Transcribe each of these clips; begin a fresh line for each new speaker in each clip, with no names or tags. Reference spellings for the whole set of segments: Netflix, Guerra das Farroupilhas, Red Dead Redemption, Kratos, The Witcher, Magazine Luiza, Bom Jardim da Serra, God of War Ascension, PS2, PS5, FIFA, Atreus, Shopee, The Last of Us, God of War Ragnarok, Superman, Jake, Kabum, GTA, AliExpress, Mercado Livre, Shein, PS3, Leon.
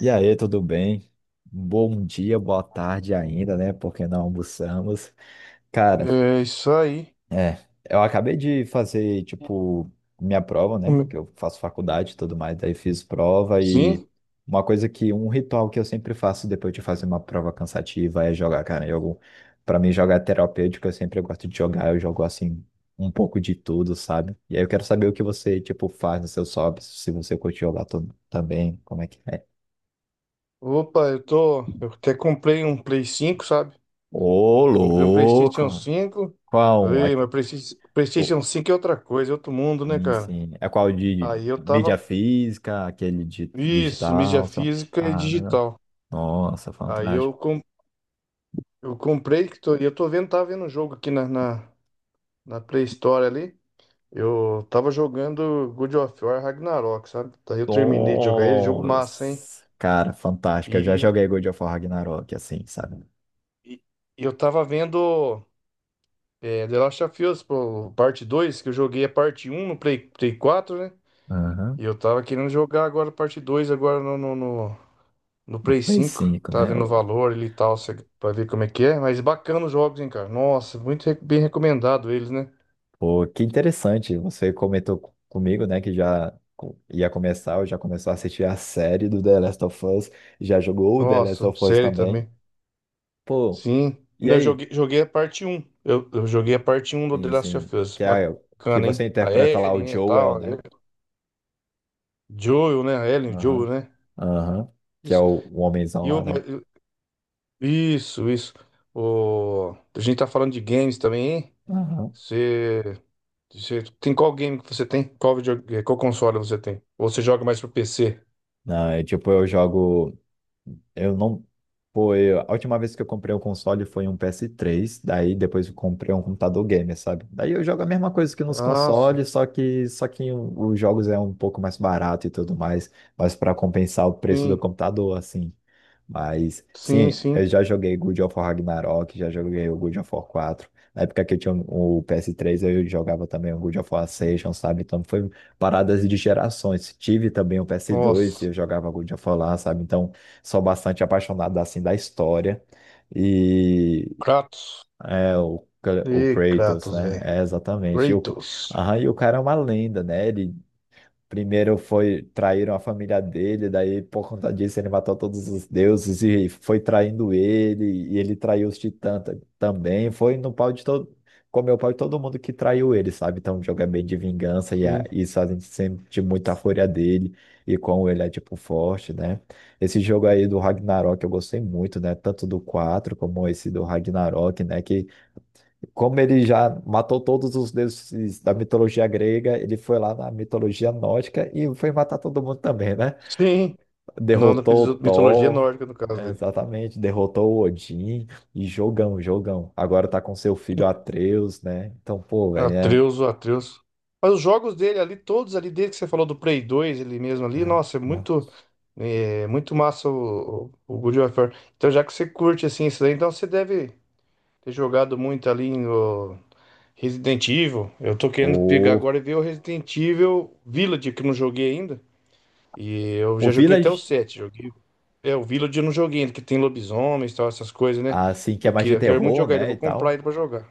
E aí, tudo bem? Bom dia, boa tarde ainda, né? Porque não almoçamos. Cara,
É isso aí.
é, eu acabei de fazer, tipo, minha prova, né?
Como-
Que eu faço faculdade e tudo mais, daí fiz prova
Sim.
e uma coisa que, um ritual que eu sempre faço depois de fazer uma prova cansativa é jogar, cara. Jogo, pra mim, jogar é terapêutico, eu sempre gosto de jogar, eu jogo assim. Um pouco de tudo, sabe? E aí eu quero saber o que você, tipo, faz nos seus hobbies, se você curte jogar também, como é que é?
Opa, eu tô. Eu até comprei um Play 5, sabe?
Ô,
Comprei um PlayStation
louco!
cinco
Qual? Um?
Ei,
Aqui,
mas
ô,
PlayStation 5 é outra coisa, é outro mundo, né,
sim,
cara?
sim. É qual de
Aí eu
mídia
tava.
física, aquele de
Isso, mídia
digital?
física e
Ah, né?
digital.
Nossa,
Aí eu,
fantástico.
com... eu comprei, e tava vendo um jogo aqui na Play Store ali. Eu tava jogando God of War Ragnarok, sabe? Daí eu terminei de jogar ele. Jogo massa, hein?
Nossa! Cara, fantástico. Eu já
E,
joguei God of War Ragnarok, assim, sabe?
e e eu tava vendo. É, The Last of Us, pô, parte 2, que eu joguei a parte 1 no Play 4, né?
Aham.
E eu tava querendo jogar agora a parte 2 agora no
No
Play
Play
5.
cinco
Tava
né?
vendo o valor ali e tal, pra ver como é que é. Mas bacana os jogos, hein, cara? Nossa, muito bem recomendado eles, né?
Pô, que interessante. Você comentou comigo, né, que já ia começar, ou já começou a assistir a série do The Last of Us, já jogou o The Last
Nossa,
of Us
série
também.
também.
Pô,
Sim.
e
Não, Eu
aí,
joguei, joguei a parte 1. Eu joguei a parte 1 do The
sim,
Last
sim.
of Us.
Que
Bacana,
você
hein? A
interpreta lá
Ellie,
o
né,
Joel,
tal.
né?
Joel, né? A Ellie, o
Aham.
Joel, né?
Aham. Que é
Isso.
o homenzão
E
lá,
eu,
né?
isso, isso. O... A gente tá falando de games também, hein?
Aham.
Você... você tem qual game que você tem? Qual console você tem? Ou você joga mais pro PC?
Não, é tipo, eu jogo. Eu não. Pô, a última vez que eu comprei um console foi um PS3. Daí depois eu comprei um computador gamer, sabe? Daí eu jogo a mesma coisa que nos
Ah,
consoles, só que, os jogos é um pouco mais barato e tudo mais. Mas para compensar o preço do
sim,
computador, assim. Mas,
sim,
sim, eu
sim.
já joguei God of War Ragnarok, já joguei o God of War 4. Na época que eu tinha o PS3, eu jogava também o God of War Ascension, sabe? Então, foi paradas de gerações. Tive também o PS2 e
Nossa,
eu jogava God of War lá, sabe? Então, sou bastante apaixonado, assim, da história. E
Kratos.
é o
Ih,
Kratos,
Kratos,
né?
velho.
É, exatamente. E o,
Kratos.
aham, e o cara é uma lenda, né? Ele primeiro foi traíram a família dele, daí por conta disso ele matou todos os deuses e foi traindo ele, e ele traiu os titãs também. Foi no pau de todo, comeu o pau de todo mundo que traiu ele, sabe? Então o jogo é bem de vingança e
Sim.
isso a gente sente muita fúria dele e como ele é tipo forte, né? Esse jogo aí do Ragnarok eu gostei muito, né? Tanto do 4 como esse do Ragnarok, né? Que como ele já matou todos os deuses da mitologia grega, ele foi lá na mitologia nórdica e foi matar todo mundo também, né?
Sim. Não da
Derrotou o
mitologia
Thor,
nórdica, no
é,
caso.
exatamente, derrotou o Odin e jogão, jogão. Agora tá com seu filho Atreus, né? Então, pô, velho, é.
Atreus, o Atreus. Mas os jogos dele ali, todos ali desde que você falou do Play 2 ele mesmo ali,
É,
nossa, é
não.
muito, muito massa o God of War. Então, já que você curte assim isso daí, então você deve ter jogado muito ali no Resident Evil. Eu tô querendo pegar
O,
agora e ver o Resident Evil Village, que eu não joguei ainda. E eu
o
já joguei até o
Village,
7, joguei. É, o Village eu não joguei ainda, que tem lobisomens e tal, essas coisas, né?
assim, que é
Eu,
mais
que-
de
eu quero muito
terror,
jogar ele, eu
né,
vou
e
comprar
tal.
ele pra jogar.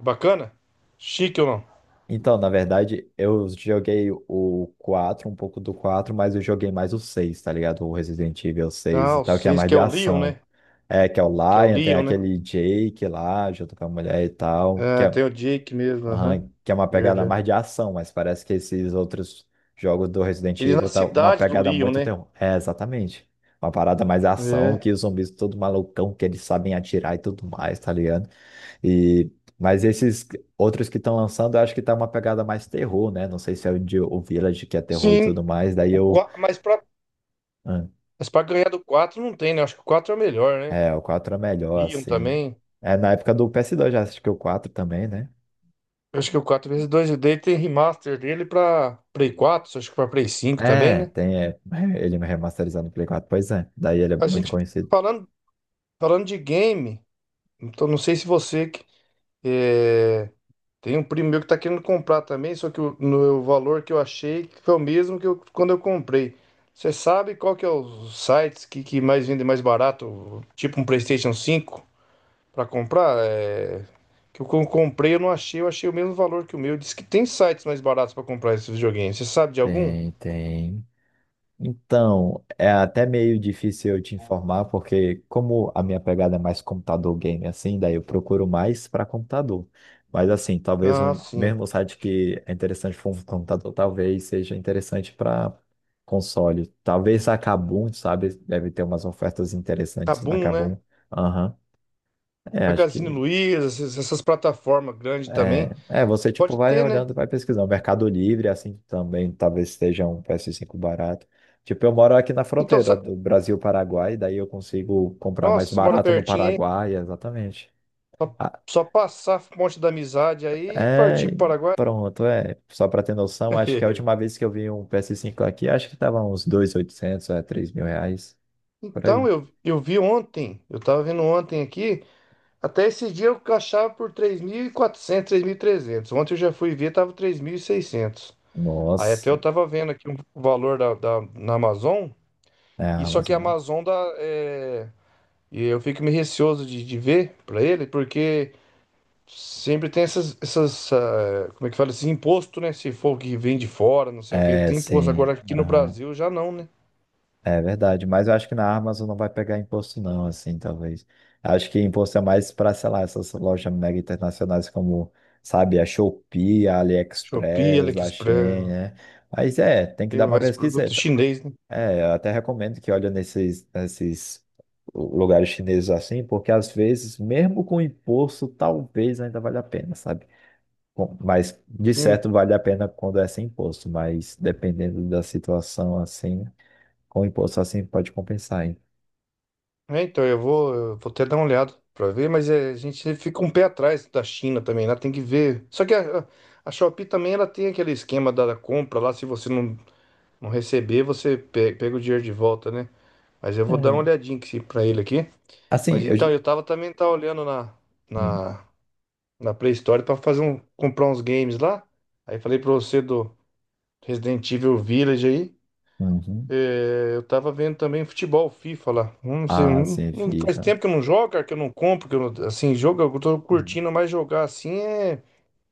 Bacana? Chique ou não?
Então, na verdade, eu joguei o 4, um pouco do 4, mas eu joguei mais o 6, tá ligado? O Resident Evil 6
Ah,
e
o
tal, que é
seis
mais
que
de
é o Leon,
ação.
né?
É, que é o
Que é o
Lion, tem
Leon, né?
aquele Jake lá, junto com a mulher e tal, que
Ah,
é,
tem o Jake mesmo, aham.
aham, que é uma pegada
Verdade.
mais de ação, mas parece que esses outros jogos do Resident
Ele é na
Evil tá uma
cidade do
pegada
Leon,
muito
né?
terror. É, exatamente. Uma parada mais ação,
É.
que os zumbis todo malucão, que eles sabem atirar e tudo mais, tá ligado? E, mas esses outros que estão lançando, eu acho que tá uma pegada mais terror, né? Não sei se é o, de, o Village que é terror e
Sim,
tudo mais. Daí eu.
mas pra,
hum,
mas pra ganhar do 4 não tem, né? Acho que o 4 é o melhor, né?
É, o 4 é melhor,
Leon
assim.
também.
É na época do PS2 já assisti que o quatro também, né?
Eu acho que o 4x2 dele tem remaster dele pra Play 4. Acho que pra Play 5 também,
É,
né?
tem é, ele remasterizado no Play 4. Pois é, daí ele é
A
muito
gente
conhecido.
falando, falando de game, então não sei se você que é. Tem um primo meu que tá querendo comprar também, só que o, no, o valor que eu achei que foi o mesmo que eu, quando eu comprei. Você sabe qual que é os sites que mais vendem mais barato? Tipo um PlayStation 5 para comprar? É, que eu comprei, eu não achei, eu achei o mesmo valor que o meu. Diz que tem sites mais baratos para comprar esses videogames. Você sabe de algum?
Tem, tem. Então, é até meio difícil eu te informar, porque como a minha pegada é mais computador game assim, daí eu procuro mais para computador. Mas assim, talvez
Ah,
o
sim.
mesmo site que é interessante para um computador, talvez seja interessante para console. Talvez a Kabum, sabe? Deve ter umas ofertas interessantes na
Kabum, né?
Kabum. Aham. É, acho que.
Magazine Luiza, essas plataformas grandes também.
É, você tipo
Pode
vai
ter, né?
olhando, vai pesquisando. Mercado Livre, assim, também talvez esteja um PS5 barato. Tipo, eu moro aqui na
Então,
fronteira do Brasil-Paraguai, daí eu consigo comprar
nossa,
mais
você mora
barato no
pertinho, hein?
Paraguai, exatamente.
Só,
Ah,
só passar a ponte da amizade aí e
é,
partir para o Paraguai.
pronto, é. Só pra ter noção, acho que a última vez que eu vi um PS5 aqui, acho que tava uns 2.800, é, 3.000 reais, por
Então,
aí.
eu vi ontem, eu estava vendo ontem aqui, até esse dia eu achava por 3.400, trezentos. Ontem eu já fui ver, estava 3.600. Aí até
Nossa,
eu estava vendo aqui o valor da, na Amazon,
é
e
a
só que a
Amazon, né?
Amazon dá, e eu fico meio receoso de ver para ele, porque sempre tem essas, como é que fala, esse imposto, né? Se for que vem de fora, não sei o que,
É,
tem imposto.
sim.
Agora aqui no Brasil já não, né?
É verdade, mas eu acho que na Amazon não vai pegar imposto não, assim, talvez. Acho que imposto é mais para, sei lá, essas lojas mega internacionais como, sabe, a Shopee, a
Shopee,
AliExpress, a Shein,
AliExpress,
né? Mas é, tem que
tem
dar uma
mais produto
pesquiseta.
chinês, né?
É, eu até recomendo que olhe nesses lugares chineses assim, porque às vezes, mesmo com imposto, talvez ainda valha a pena, sabe? Bom, mas de
Sim.
certo vale a pena quando é sem imposto, mas dependendo da situação assim. Com o imposto assim pode compensar, hein?
É, então eu vou até dar uma olhada pra ver, mas é, a gente fica um pé atrás da China também, lá tem que ver. Só que a Shopee também ela tem aquele esquema da compra lá, se você não receber, você pega o dinheiro de volta, né? Mas eu vou dar uma
É.
olhadinha aqui pra ele aqui.
Assim,
Mas
eu.
então, eu tava também, tá, olhando
Hum,
na na Play Store pra comprar uns games lá. Aí falei pra você do Resident Evil Village aí.
uhum.
É, eu tava vendo também futebol, FIFA lá. Não sei,
Ah,
não,
sim,
faz
FIFA.
tempo que eu não jogo, cara, que eu não compro, que eu não, assim, jogo, eu tô
Uhum.
curtindo mais jogar assim é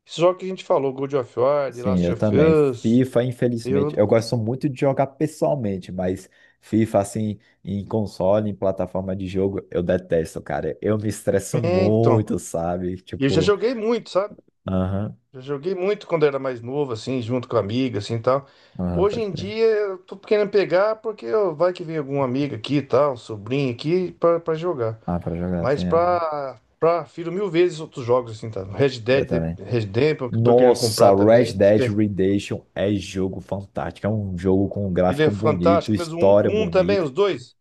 esse jogo que a gente falou, God of War, The
Sim,
Last
eu
of
também.
Us.
FIFA, infelizmente,
Eu,
eu gosto muito de jogar pessoalmente, mas FIFA, assim, em console, em plataforma de jogo, eu detesto, cara. Eu me estresso
é, então,
muito, sabe?
eu já
Tipo,
joguei muito, sabe?
aham,
Já joguei muito quando era mais novo, assim, junto com a amiga, assim, e tal.
aham,
Hoje
pode
em
crer.
dia eu tô querendo pegar porque ó, vai que vem algum amigo aqui, e tal, um sobrinho aqui pra jogar.
Ah, pra jogar,
Mas
tem essa.
pra filho mil vezes outros jogos, assim, tá? Red
Eu
Dead
também.
Redemption, que eu tô querendo comprar
Nossa,
também.
Red
Diz que
Dead Redemption é jogo fantástico. É um jogo com um
Ele
gráfico
é
bonito,
fantástico, mas
história
o um também,
bonita.
os dois.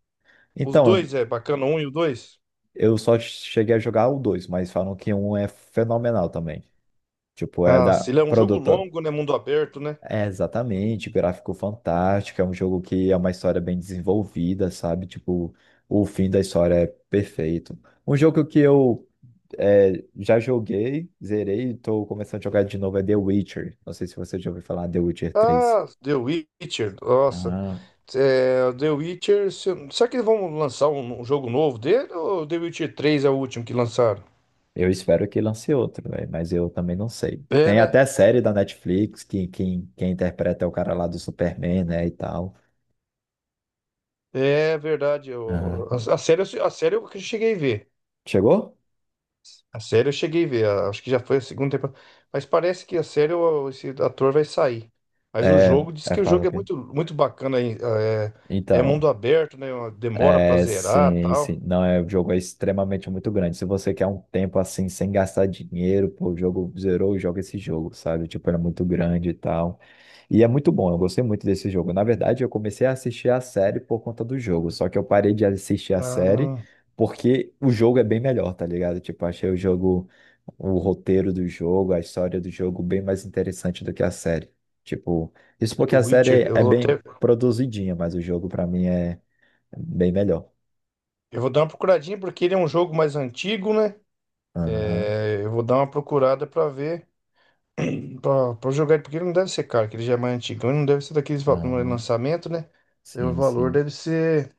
Os
Então,
dois é bacana, o um e o dois.
eu só cheguei a jogar o dois, mas falam que um é fenomenal também. Tipo, é
Ah,
da
se ele é um jogo
produta.
longo, né? Mundo aberto, né?
É exatamente, gráfico fantástico. É um jogo que é uma história bem desenvolvida, sabe? Tipo, o fim da história é perfeito. Um jogo que eu é, já joguei, zerei e tô começando a jogar de novo. É The Witcher. Não sei se você já ouviu falar The Witcher 3.
Ah, The Witcher, nossa.
Ah,
É, The Witcher. Será que eles vão lançar um jogo novo dele? Ou The Witcher 3 é o último que lançaram?
eu espero que lance outro, velho, mas eu também não sei.
É,
Tem
né?
até série da Netflix, que quem interpreta é o cara lá do Superman, né, e tal.
É verdade. A,
Ah,
série, a série eu cheguei a ver.
chegou?
A série eu cheguei a ver. Acho que já foi a segunda temporada. Mas parece que a série, esse ator vai sair. Mas o
É,
jogo diz
é,
que o
fala,
jogo é
ok.
muito, muito bacana, hein. É,
Então,
mundo aberto, né? Demora pra
é,
zerar
sim, sim.
tal.
Não, é, o jogo é extremamente muito grande. Se você quer um tempo assim, sem gastar dinheiro, pô, o jogo zerou, joga esse jogo, sabe? Tipo, era muito grande e tal. E é muito bom, eu gostei muito desse jogo. Na verdade, eu comecei a assistir a série por conta do jogo, só que eu parei de assistir a série
Ah,
porque o jogo é bem melhor, tá ligado? Tipo, achei o jogo, o roteiro do jogo, a história do jogo bem mais interessante do que a série. Tipo, isso porque
The
a
Witcher.
série
Eu
é
vou
bem
até.
produzidinha, mas o jogo pra mim é bem melhor.
Eu vou dar uma procuradinha porque ele é um jogo mais antigo, né?
Aham,
É, eu vou dar uma procurada pra ver, pra jogar ele, porque ele não deve ser caro, que ele já é mais antigão, ele não deve ser daqueles, no
aham,
lançamento, né? Aí, o
sim,
valor
sim.
deve ser,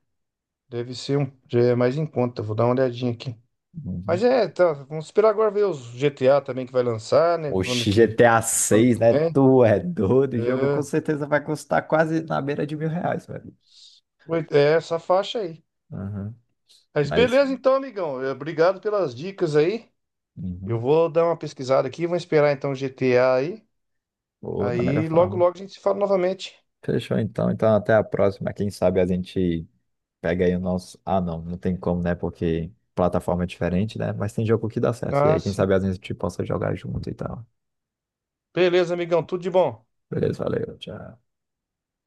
deve ser um, já é mais em conta. Vou dar uma olhadinha aqui.
Uhum.
Mas é, tá, vamos esperar agora ver os GTA também que vai lançar, né? Quando
Oxi,
que,
GTA
quando
6,
que
né?
vem?
Tu é doido, o jogo com
É,
certeza vai custar quase na beira de 1.000 reais, velho.
é essa faixa aí.
Aham.
Mas
Mas,
beleza então, amigão. É, obrigado pelas dicas aí. Eu
uhum.
vou dar uma pesquisada aqui, vou esperar então o GTA aí.
Boa, da melhor
Aí logo,
forma.
logo a gente se fala novamente.
Fechou então. Então, até a próxima. Quem sabe a gente pega aí o nosso. Ah, não, não tem como, né? Porque plataforma é diferente, né? Mas tem jogo que dá certo. E
Ah,
aí, quem
sim.
sabe a gente possa jogar junto e tal.
Beleza, amigão, tudo de bom.
Beleza, valeu, tchau.